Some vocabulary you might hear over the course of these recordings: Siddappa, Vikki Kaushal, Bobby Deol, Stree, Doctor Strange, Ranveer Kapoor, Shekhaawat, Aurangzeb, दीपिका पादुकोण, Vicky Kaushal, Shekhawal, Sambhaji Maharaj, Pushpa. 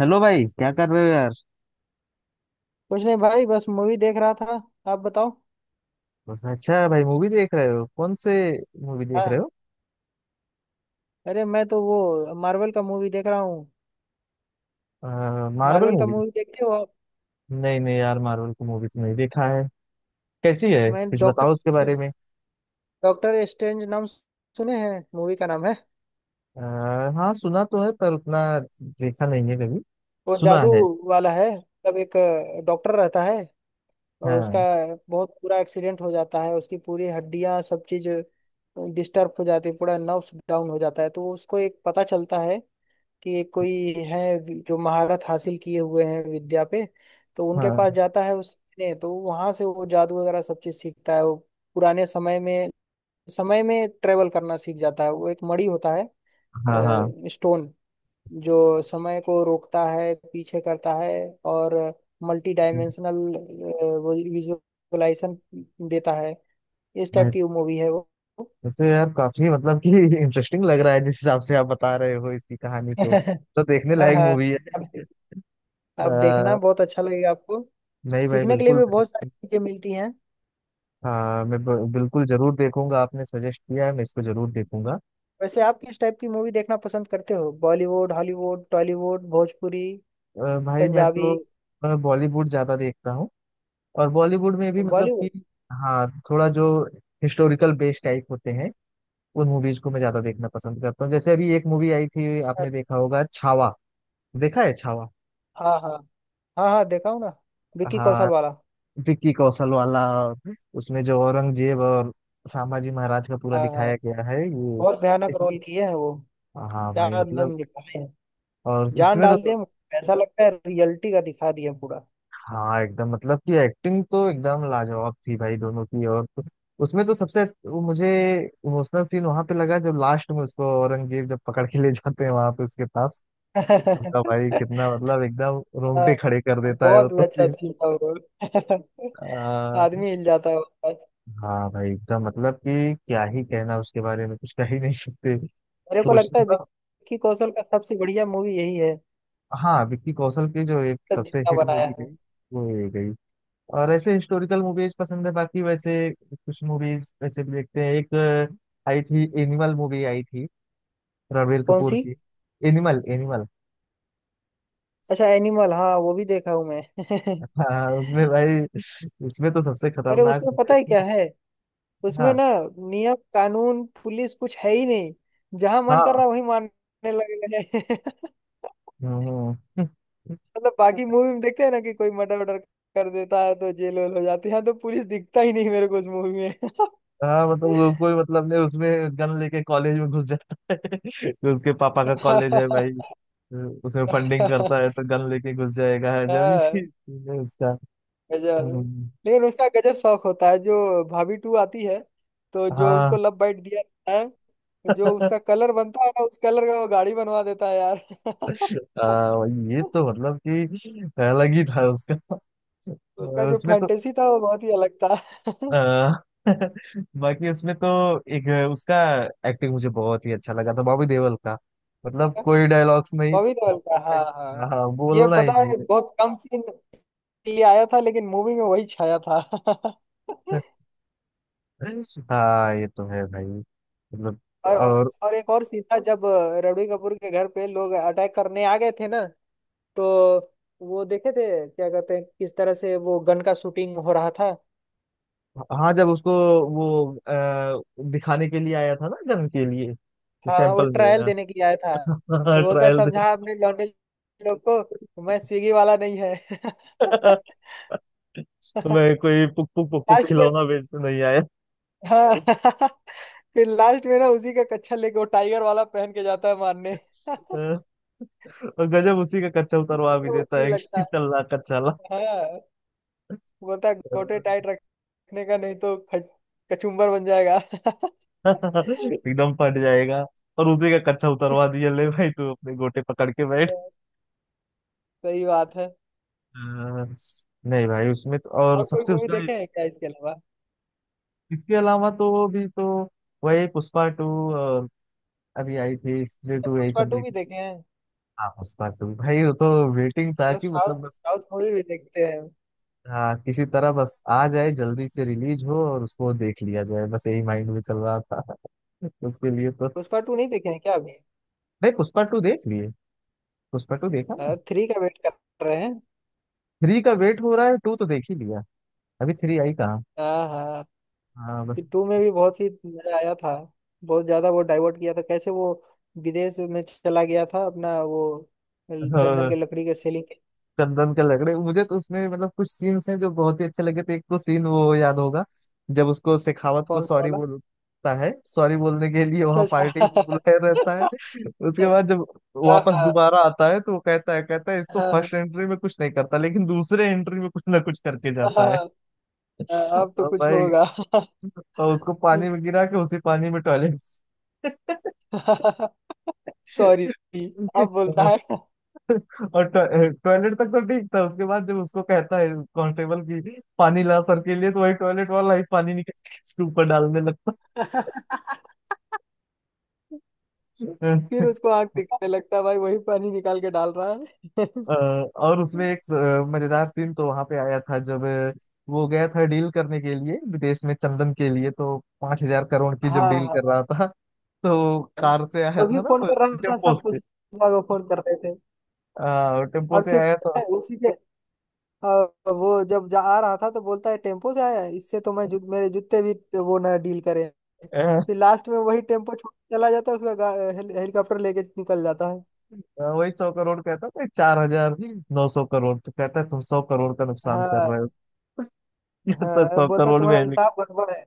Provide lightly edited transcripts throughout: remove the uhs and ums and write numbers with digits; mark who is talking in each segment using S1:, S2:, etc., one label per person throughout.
S1: Hello भाई, क्या कर रहे हो, यार।
S2: कुछ नहीं भाई, बस मूवी देख रहा था। आप बताओ।
S1: बस अच्छा, भाई, मूवी देख रहे हो? कौन से मूवी देख
S2: हाँ,
S1: रहे हो?
S2: अरे मैं तो वो मार्वल का मूवी देख रहा हूँ।
S1: मार्वल
S2: मार्वल का
S1: मूवी?
S2: मूवी देखते हो आप?
S1: नहीं नहीं, यार, मार्वल की मूवी तो नहीं देखा है। कैसी है,
S2: मैं
S1: कुछ
S2: डॉक्टर
S1: बताओ उसके बारे में।
S2: डॉक्टर स्ट्रेंज नाम सुने हैं, मूवी का नाम है।
S1: आ, हाँ, सुना तो है, पर उतना देखा नहीं है कभी।
S2: वो
S1: सुना
S2: जादू
S1: है।
S2: वाला है। तब एक डॉक्टर रहता है और उसका
S1: हाँ
S2: बहुत बुरा एक्सीडेंट हो जाता है, उसकी पूरी हड्डियां सब चीज डिस्टर्ब हो जाती है, पूरा नर्व्स डाउन हो जाता है। तो उसको एक पता चलता है कि कोई है जो महारत हासिल किए हुए हैं विद्या पे। तो उनके
S1: हाँ।
S2: पास जाता है उस ने, तो वहां से वो जादू वगैरह सब चीज सीखता है वो। पुराने समय में ट्रेवल करना सीख जाता है। वो एक मणि होता है,
S1: हाँ हाँ।
S2: स्टोन, जो समय को रोकता है, पीछे करता है, और मल्टी
S1: मैं
S2: डायमेंशनल विजुअलाइजेशन देता है। इस टाइप की मूवी है वो।
S1: मैं तो यार, काफी मतलब कि इंटरेस्टिंग लग रहा है जिस हिसाब से आप बता रहे हो इसकी कहानी को। तो देखने
S2: हाँ
S1: लायक
S2: हाँ।
S1: मूवी है?
S2: अब देखना
S1: आ,
S2: बहुत अच्छा लगेगा आपको।
S1: नहीं भाई,
S2: सीखने के लिए
S1: बिल्कुल
S2: भी
S1: भी
S2: बहुत सारी
S1: नहीं।
S2: चीजें मिलती हैं।
S1: हाँ, मैं बिल्कुल जरूर देखूंगा। आपने सजेस्ट किया है, मैं इसको जरूर देखूंगा।
S2: वैसे आप किस टाइप की मूवी देखना पसंद करते हो, बॉलीवुड, हॉलीवुड, टॉलीवुड, भोजपुरी,
S1: भाई, मैं
S2: पंजाबी?
S1: तो बॉलीवुड ज्यादा देखता हूँ। और बॉलीवुड में भी, मतलब
S2: बॉलीवुड।
S1: कि हाँ, थोड़ा जो हिस्टोरिकल बेस्ड टाइप होते हैं उन मूवीज को मैं ज्यादा देखना पसंद करता हूँ। जैसे अभी एक मूवी आई थी, आपने देखा होगा, छावा। देखा है छावा?
S2: हाँ हाँ। हाँ हाँ, देखा हूँ ना। विक्की कौशल
S1: हाँ,
S2: वाला।
S1: विक्की कौशल वाला। उसमें जो औरंगजेब और सांभाजी महाराज का पूरा
S2: हाँ हाँ,
S1: दिखाया गया है ये।
S2: बहुत भयानक रोल किए हैं वो।
S1: हाँ
S2: क्या
S1: भाई,
S2: एकदम
S1: मतलब।
S2: निभाए हैं,
S1: और
S2: जान
S1: उसमें
S2: डाल
S1: तो।
S2: दिए। ऐसा लगता है रियलिटी का दिखा दिया पूरा।
S1: हाँ एकदम, मतलब कि एक्टिंग तो एकदम लाजवाब थी, भाई, दोनों की। और तो- उसमें तो सबसे वो मुझे इमोशनल सीन वहां पे लगा, जब लास्ट में उसको औरंगजेब जब पकड़ के ले जाते हैं, वहां पे उसके पास उनका भाई, कितना मतलब एकदम रोंगटे
S2: हाँ,
S1: खड़े कर देता है वो
S2: बहुत ही
S1: तो
S2: अच्छा
S1: सीन।
S2: सीन था वो रोल।
S1: आ,
S2: आदमी हिल जाता है उसके बाद।
S1: हाँ भाई, एकदम मतलब कि क्या ही कहना, उसके बारे में कुछ कह ही नहीं सकते।
S2: मेरे को
S1: सोच
S2: लगता है
S1: मतलब।
S2: विक्की कौशल का सबसे बढ़िया मूवी यही है
S1: हाँ, विक्की कौशल की जो एक
S2: तक
S1: सबसे
S2: जितना
S1: हिट
S2: बनाया
S1: मूवी
S2: है।
S1: गई वो ये गई। और ऐसे हिस्टोरिकल मूवीज पसंद है। बाकी वैसे कुछ मूवीज वैसे भी देखते हैं। एक आई थी, एनिमल मूवी आई थी, रणबीर
S2: कौन
S1: कपूर
S2: सी?
S1: की। Animal, animal.
S2: अच्छा, एनिमल, हाँ, वो भी देखा हूँ मैं।
S1: हाँ, उसमें भाई, उसमें तो सबसे
S2: अरे
S1: खतरनाक
S2: उसमें
S1: मुझे
S2: पता है क्या
S1: तो-
S2: है? उसमें
S1: हाँ।
S2: ना नियम कानून पुलिस कुछ है ही नहीं, जहां मन कर
S1: हाँ।
S2: रहा वही मारने लगे हैं।
S1: हम्म। हम्म।
S2: मतलब बाकी मूवी में देखते हैं ना कि कोई मर्डर वर्डर कर देता है तो जेल वेल हो जाती है, यहाँ तो पुलिस दिखता ही नहीं मेरे को उस मूवी में।
S1: हाँ, मतलब वो कोई मतलब नहीं, उसमें गन लेके कॉलेज में घुस जाता है तो उसके पापा का कॉलेज है भाई। उसमें फंडिंग करता है तो गन लेके घुस जाएगा जब
S2: हाँ,
S1: ही उसका।
S2: गजब।
S1: हम्म।
S2: लेकिन उसका गजब शौक होता है जो भाभी टू आती है, तो जो
S1: हाँ।
S2: उसको लव बाइट दिया जाता है, जो उसका कलर बनता है ना, उस कलर का वो गाड़ी बनवा देता है यार।
S1: आ, ये तो मतलब कि अलग ही था उसका।
S2: उसका जो
S1: उसमें तो।
S2: फैंटेसी था वो बहुत ही अलग था।
S1: आ, बाकी उसमें तो एक उसका एक्टिंग मुझे बहुत ही अच्छा लगा था बॉबी देओल का। मतलब कोई डायलॉग्स नहीं।
S2: बॉबी देओल का, हाँ हाँ,
S1: हाँ,
S2: ये
S1: बोलना ही
S2: पता
S1: नहीं।
S2: है बहुत कम सीन के लिए आया था, लेकिन मूवी में वही छाया था।
S1: हाँ, ये तो है भाई, मतलब।
S2: और
S1: और
S2: एक और सीन था जब रणबीर कपूर के घर पे लोग अटैक करने आ गए थे ना, तो वो देखे थे क्या कहते हैं, किस तरह से वो गन का शूटिंग हो रहा था।
S1: हाँ, जब उसको वो दिखाने के लिए आया था ना गन के लिए।
S2: हाँ वो
S1: सैंपल में।
S2: ट्रायल देने के लिए आया था। तो बोलता है
S1: ट्रायल में।
S2: समझा अपने लौंडे लोग को, मैं स्विगी वाला नहीं है।
S1: मैं कोई पुक पुक पुक पुक
S2: लास्ट में,
S1: खिलौना बेचने नहीं
S2: हाँ। फिर लास्ट में ना उसी का कच्छा लेके वो टाइगर वाला पहन के जाता है मारने।
S1: आया। और गजब, उसी का कच्चा उतरवा भी
S2: कितना
S1: देता
S2: मुश्किल
S1: है
S2: लगता
S1: कि
S2: है।
S1: चल रहा कच्चा ला।
S2: हाँ, बोलता है गोटे टाइट रखने का नहीं तो कचुम्बर बन जाएगा।
S1: एकदम फट जाएगा। और उसी का कच्चा उतरवा दिया, ले भाई तू अपने गोटे पकड़ के बैठ।
S2: सही बात है।
S1: हाँ। नहीं भाई, उसमें तो और
S2: और कोई
S1: सबसे
S2: मूवी
S1: उसका।
S2: देखे हैं क्या इसके अलावा?
S1: इसके अलावा तो भी तो वही पुष्पा टू। और अभी आई थी स्त्री
S2: मतलब
S1: टू, यही
S2: पुष्पा
S1: सब
S2: टू भी
S1: देखी।
S2: देखे हैं?
S1: हाँ, पुष्पा टू भाई वो तो वेटिंग था
S2: मतलब
S1: कि मतलब
S2: साउथ
S1: बस।
S2: साउथ मूवी भी देखते हैं?
S1: हाँ, किसी तरह बस आ जाए, जल्दी से रिलीज हो और उसको देख लिया जाए, बस यही माइंड में चल रहा था। उसके लिए तो।
S2: पुष्पा टू नहीं देखे हैं क्या अभी?
S1: नहीं, पुष्पा टू देख लिए। पुष्पा टू देखा ना।
S2: थ्री का वेट कर रहे हैं।
S1: थ्री का वेट हो रहा है, टू तो देख ही लिया। अभी थ्री आई कहाँ।
S2: हाँ हाँ।
S1: हाँ बस।
S2: टू में भी बहुत ही मजा आया था। बहुत ज्यादा वो डाइवर्ट किया था, कैसे वो विदेश में चला गया था अपना वो चंदन के
S1: और
S2: लकड़ी के सेलिंग के।
S1: चंदन के लग रहे मुझे तो, उसमें मतलब कुछ सीन्स हैं जो बहुत ही अच्छे लगे थे। एक तो सीन वो याद होगा जब उसको, शेखावत को
S2: कौन सा
S1: सॉरी
S2: वाला?
S1: बोलता है। सॉरी बोलने के लिए
S2: अच्छा
S1: वहां पार्टी में
S2: अच्छा।
S1: बुलाया रहता है, उसके बाद जब
S2: हाँ
S1: वापस
S2: हाँ
S1: दोबारा आता है तो वो कहता है इसको,
S2: हाँ।
S1: फर्स्ट एंट्री में कुछ नहीं करता लेकिन दूसरे एंट्री में कुछ ना कुछ करके जाता है।
S2: हाँ हाँ, अब तो
S1: और
S2: कुछ
S1: भाई,
S2: होगा।
S1: और उसको पानी में गिरा के उसी पानी में टॉयलेट।
S2: सॉरी, अब बोलता है।
S1: और टॉयलेट तक तो ठीक था, उसके बाद जब उसको कहता है कांस्टेबल की, पानी ला सर के लिए, तो वही टॉयलेट वाला ही पानी निकाल के उसके ऊपर डालने लगता।
S2: फिर उसको आंख दिखाने लगता है भाई, वही पानी निकाल के डाल रहा है।
S1: अ, और उसमें एक मजेदार सीन तो वहां पे आया था, जब वो गया था डील करने के लिए विदेश में चंदन के लिए, तो 5000 करोड़ की जब
S2: हाँ हाँ
S1: डील कर
S2: हाँ।
S1: रहा था, तो कार से आया
S2: तो भी
S1: था ना
S2: फोन
S1: वो,
S2: कर रहा था
S1: टेम्पो
S2: सब कुछ,
S1: से।
S2: को फोन कर रहे थे।
S1: टेम्पो
S2: और
S1: से
S2: फिर
S1: आया
S2: पता है उसी के, अ, वो जब जा आ रहा था तो बोलता है टेम्पो से आया है, इससे तो मैं मेरे जूते भी वो ना डील करें।
S1: था।
S2: फिर लास्ट में वही टेम्पो छोड़ के चला जाता है उसका हेलीकॉप्टर लेके निकल जाता है।
S1: हाँ, वही 100 करोड़ कहता था, 4900 करोड़, तो कहता है तुम 100 करोड़ का नुकसान कर रहे
S2: हाँ
S1: हो। ये तो
S2: हाँ,
S1: सौ
S2: बोलता
S1: करोड़ में
S2: तुम्हारा
S1: है लिखा।
S2: हिसाब गड़बड़ है,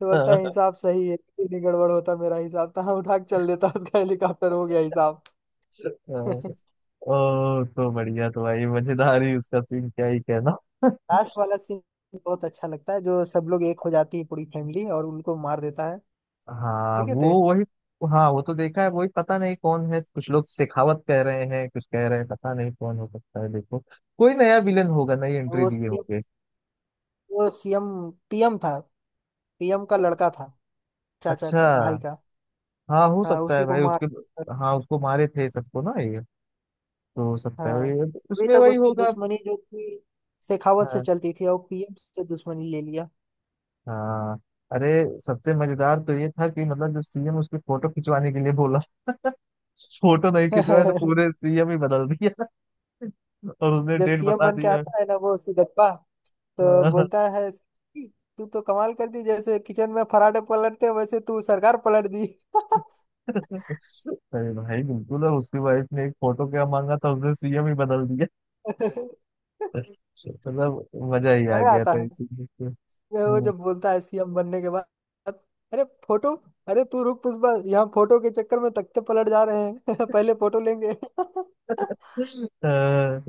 S2: तो बोलता है
S1: हाँ।
S2: हिसाब सही है, कुछ नहीं गड़बड़, होता मेरा हिसाब, था उठा के चल देता, उसका हेलीकॉप्टर, हो गया हिसाब।
S1: ओ। तो बढ़िया, तो भाई मजेदार ही उसका सीन, क्या ही कहना।
S2: लास्ट वाला सीन बहुत अच्छा लगता है, जो सब लोग एक हो जाती है पूरी फैमिली और उनको मार देता है,
S1: हाँ
S2: देखे
S1: वो
S2: थे।
S1: वही। हाँ वो तो देखा है वही, पता नहीं कौन है, कुछ लोग शेखावत कह रहे हैं, कुछ कह रहे हैं, पता नहीं कौन हो सकता है, देखो कोई नया विलन होगा, नई
S2: और
S1: एंट्री
S2: वो
S1: दिए
S2: CM,
S1: होंगे।
S2: वो सीएम, पीएम था, पीएम का लड़का था, चाचा
S1: अच्छा।
S2: का भाई का।
S1: हाँ, हो
S2: हाँ
S1: सकता है
S2: उसी को
S1: भाई
S2: मार।
S1: उसके। हाँ, उसको मारे थे सबको ना ये, तो हो सकता है
S2: हाँ,
S1: वही अब
S2: अभी
S1: उसमें
S2: तक
S1: वही
S2: उसकी
S1: होगा।
S2: दुश्मनी जो थी शेखावत से
S1: हाँ।
S2: चलती थी, और पीएम से दुश्मनी ले
S1: हाँ। अरे, सबसे मजेदार तो ये था कि मतलब जब सीएम उसकी फोटो खिंचवाने के लिए बोला फोटो नहीं
S2: लिया।
S1: खिंचवाया तो पूरे सीएम ही बदल दिया। और उसने
S2: जब
S1: डेट
S2: सीएम
S1: बता
S2: बन के
S1: दिया।
S2: आता है ना वो सिद्दप्पा, तो
S1: हाँ।
S2: बोलता है "कि तू तो कमाल कर दी, जैसे किचन में पराठे पलटते, वैसे तू सरकार पलट दी।"
S1: अरे भाई बिल्कुल, और उसकी वाइफ ने एक फोटो क्या मांगा था, उसने सीएम ही बदल दिया। मतलब मजा ही आ
S2: मजा
S1: गया
S2: आता
S1: था
S2: है
S1: इसी में।
S2: वो जब बोलता है सीएम बनने के बाद, अरे फोटो, अरे तू रुक पुष्पा, यहाँ फोटो के चक्कर में तख्ते पलट जा रहे हैं। पहले फोटो लेंगे।
S1: अ,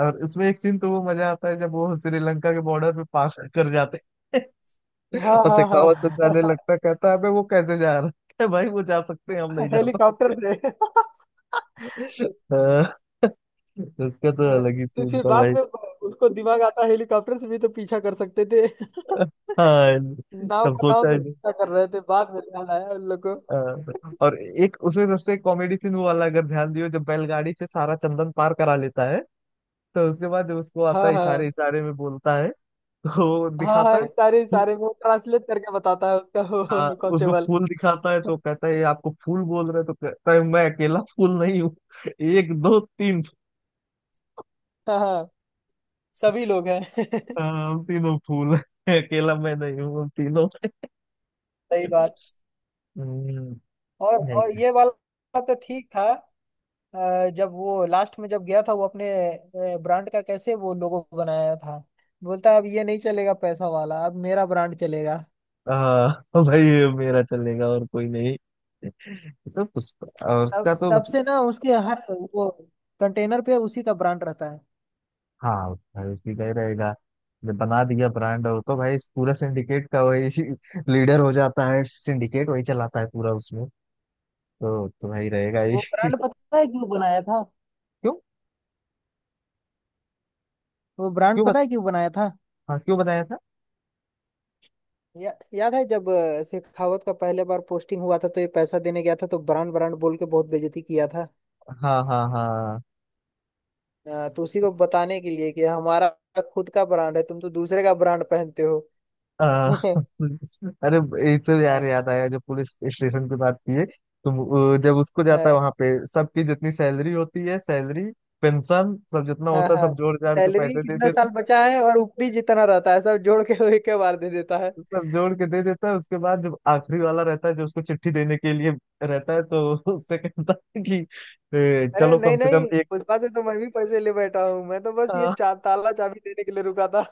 S1: और उसमें एक सीन तो वो मजा आता है जब वो श्रीलंका के बॉर्डर पे पास कर जाते हैं।
S2: हाँ
S1: और
S2: हाँ
S1: शेखावत जब
S2: हाँ।
S1: जाने लगता है, कहता है अबे वो कैसे जा रहा है। कहता है, भाई वो जा सकते हैं, हम नहीं जा
S2: हेलीकॉप्टर से।
S1: सकते। अ, उसका तो
S2: हाँ,
S1: अलग ही
S2: तो
S1: सीन
S2: फिर
S1: था,
S2: बाद
S1: भाई।
S2: में उसको दिमाग आता हेलीकॉप्टर से भी तो पीछा कर सकते थे।
S1: हाँ,
S2: नाव
S1: तब
S2: का नाम
S1: सोचा
S2: से
S1: ही नहीं।
S2: पीछा कर रहे थे, बाद में ध्यान आया उन लोग को।
S1: और एक उसमें सबसे कॉमेडी सीन वो वाला, अगर ध्यान दियो, जब बैलगाड़ी से सारा चंदन पार करा लेता है, तो उसके बाद जब उसको आता
S2: हाँ
S1: है इशारे
S2: हाँ
S1: इशारे में बोलता है तो वो
S2: हाँ।
S1: दिखाता
S2: हाँ सारे
S1: है।
S2: सारे वो ट्रांसलेट करके बताता है उसका,
S1: हाँ,
S2: वो
S1: उसको
S2: कांस्टेबल।
S1: फूल दिखाता है तो कहता है "ये आपको फूल बोल रहे हैं", तो कहता है मैं अकेला फूल नहीं हूँ। एक दो तीन।
S2: हाँ हाँ, सभी लोग हैं।
S1: हम तीनों फूल हैं, अकेला मैं नहीं हूँ, हम तीनों।
S2: सही बात।
S1: हम्म।
S2: और
S1: नहीं
S2: और
S1: भाई।
S2: ये वाला तो ठीक था। जब वो लास्ट में जब गया था, वो अपने ब्रांड का कैसे वो लोगो बनाया था, बोलता है अब ये नहीं चलेगा पैसा वाला, अब मेरा ब्रांड चलेगा।
S1: आ, भाई ये मेरा चलेगा और कोई नहीं। तो उस, और
S2: तब
S1: उसका तो
S2: तब
S1: मतलब।
S2: से ना उसके हर वो कंटेनर पे उसी का ब्रांड रहता है।
S1: हाँ भाई, उसी का ही रहेगा, जब बना दिया ब्रांड, और तो भाई इस पूरा सिंडिकेट का वही लीडर हो जाता है, सिंडिकेट वही चलाता है पूरा उसमें। तो भाई रहेगा ही।
S2: वो ब्रांड पता है क्यों बनाया था?
S1: क्यों?
S2: वो ब्रांड
S1: क्यों बत,
S2: पता है क्यों बनाया था
S1: हाँ, क्यों बताया था।
S2: याद है जब शेखावत का पहले बार पोस्टिंग हुआ था, तो ये पैसा देने गया था, तो ब्रांड ब्रांड बोल के बहुत बेइज्जती किया था।
S1: हाँ हाँ हाँ।
S2: तो उसी को बताने के लिए कि हमारा खुद का ब्रांड है, तुम तो दूसरे का ब्रांड पहनते हो।
S1: अ, अरे, एक तो यार याद आया, जो पुलिस स्टेशन की बात की है। तुम जब उसको जाता है वहां पे, सबकी जितनी सैलरी होती है, सैलरी पेंशन सब जितना
S2: हाँ
S1: होता है
S2: हाँ हाँ।
S1: सब जोड़ जाड़ के
S2: सैलरी
S1: पैसे दे
S2: कितना
S1: देता
S2: साल
S1: है।
S2: बचा है और ऊपरी जितना रहता है सब जोड़ के वो एक के बार दे देता है।
S1: सब जोड़ के दे देता है, उसके बाद जब आखिरी वाला रहता है जो उसको चिट्ठी देने के लिए रहता है तो उससे कहता है कि, "ए,
S2: अरे
S1: चलो कम
S2: नहीं
S1: से कम
S2: नहीं,
S1: एक
S2: पुष्पा से तो मैं भी पैसे ले बैठा हूँ, मैं तो बस ये
S1: हाँ।"
S2: ताला चाबी देने के लिए रुका था।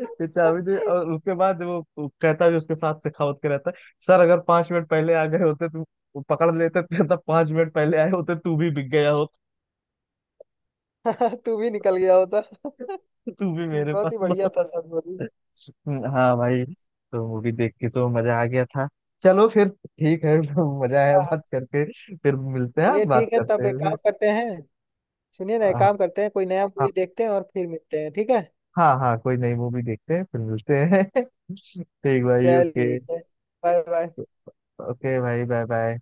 S1: ये चाबी दे, और उसके बाद वो कहता भी उसके साथ, सखावत के रहता है, सर अगर 5 मिनट पहले आ गए होते तो वो पकड़ लेते, तो कहता 5 मिनट पहले आए होते तू भी बिक गया होता।
S2: तू भी निकल गया होता।
S1: तू भी मेरे पास।
S2: बहुत ही बढ़िया था सब बोली।
S1: ना। हाँ भाई, तो मूवी देख के तो मजा आ गया था। चलो फिर ठीक है। मजा आया
S2: हाँ हाँ।
S1: बात करके, फिर मिलते
S2: चलिए
S1: हैं, बात
S2: ठीक है,
S1: करते
S2: तब
S1: हैं
S2: एक काम
S1: फिर।
S2: करते हैं। सुनिए ना, एक
S1: हाँ।
S2: काम करते हैं, कोई नया
S1: हाँ।
S2: मूवी देखते हैं और फिर मिलते हैं, ठीक है?
S1: हाँ हाँ, कोई नई मूवी देखते हैं फिर मिलते हैं। ठीक भाई,
S2: चलिए
S1: ओके।
S2: ठीक है, बाय बाय।
S1: ओके भाई, बाय बाय।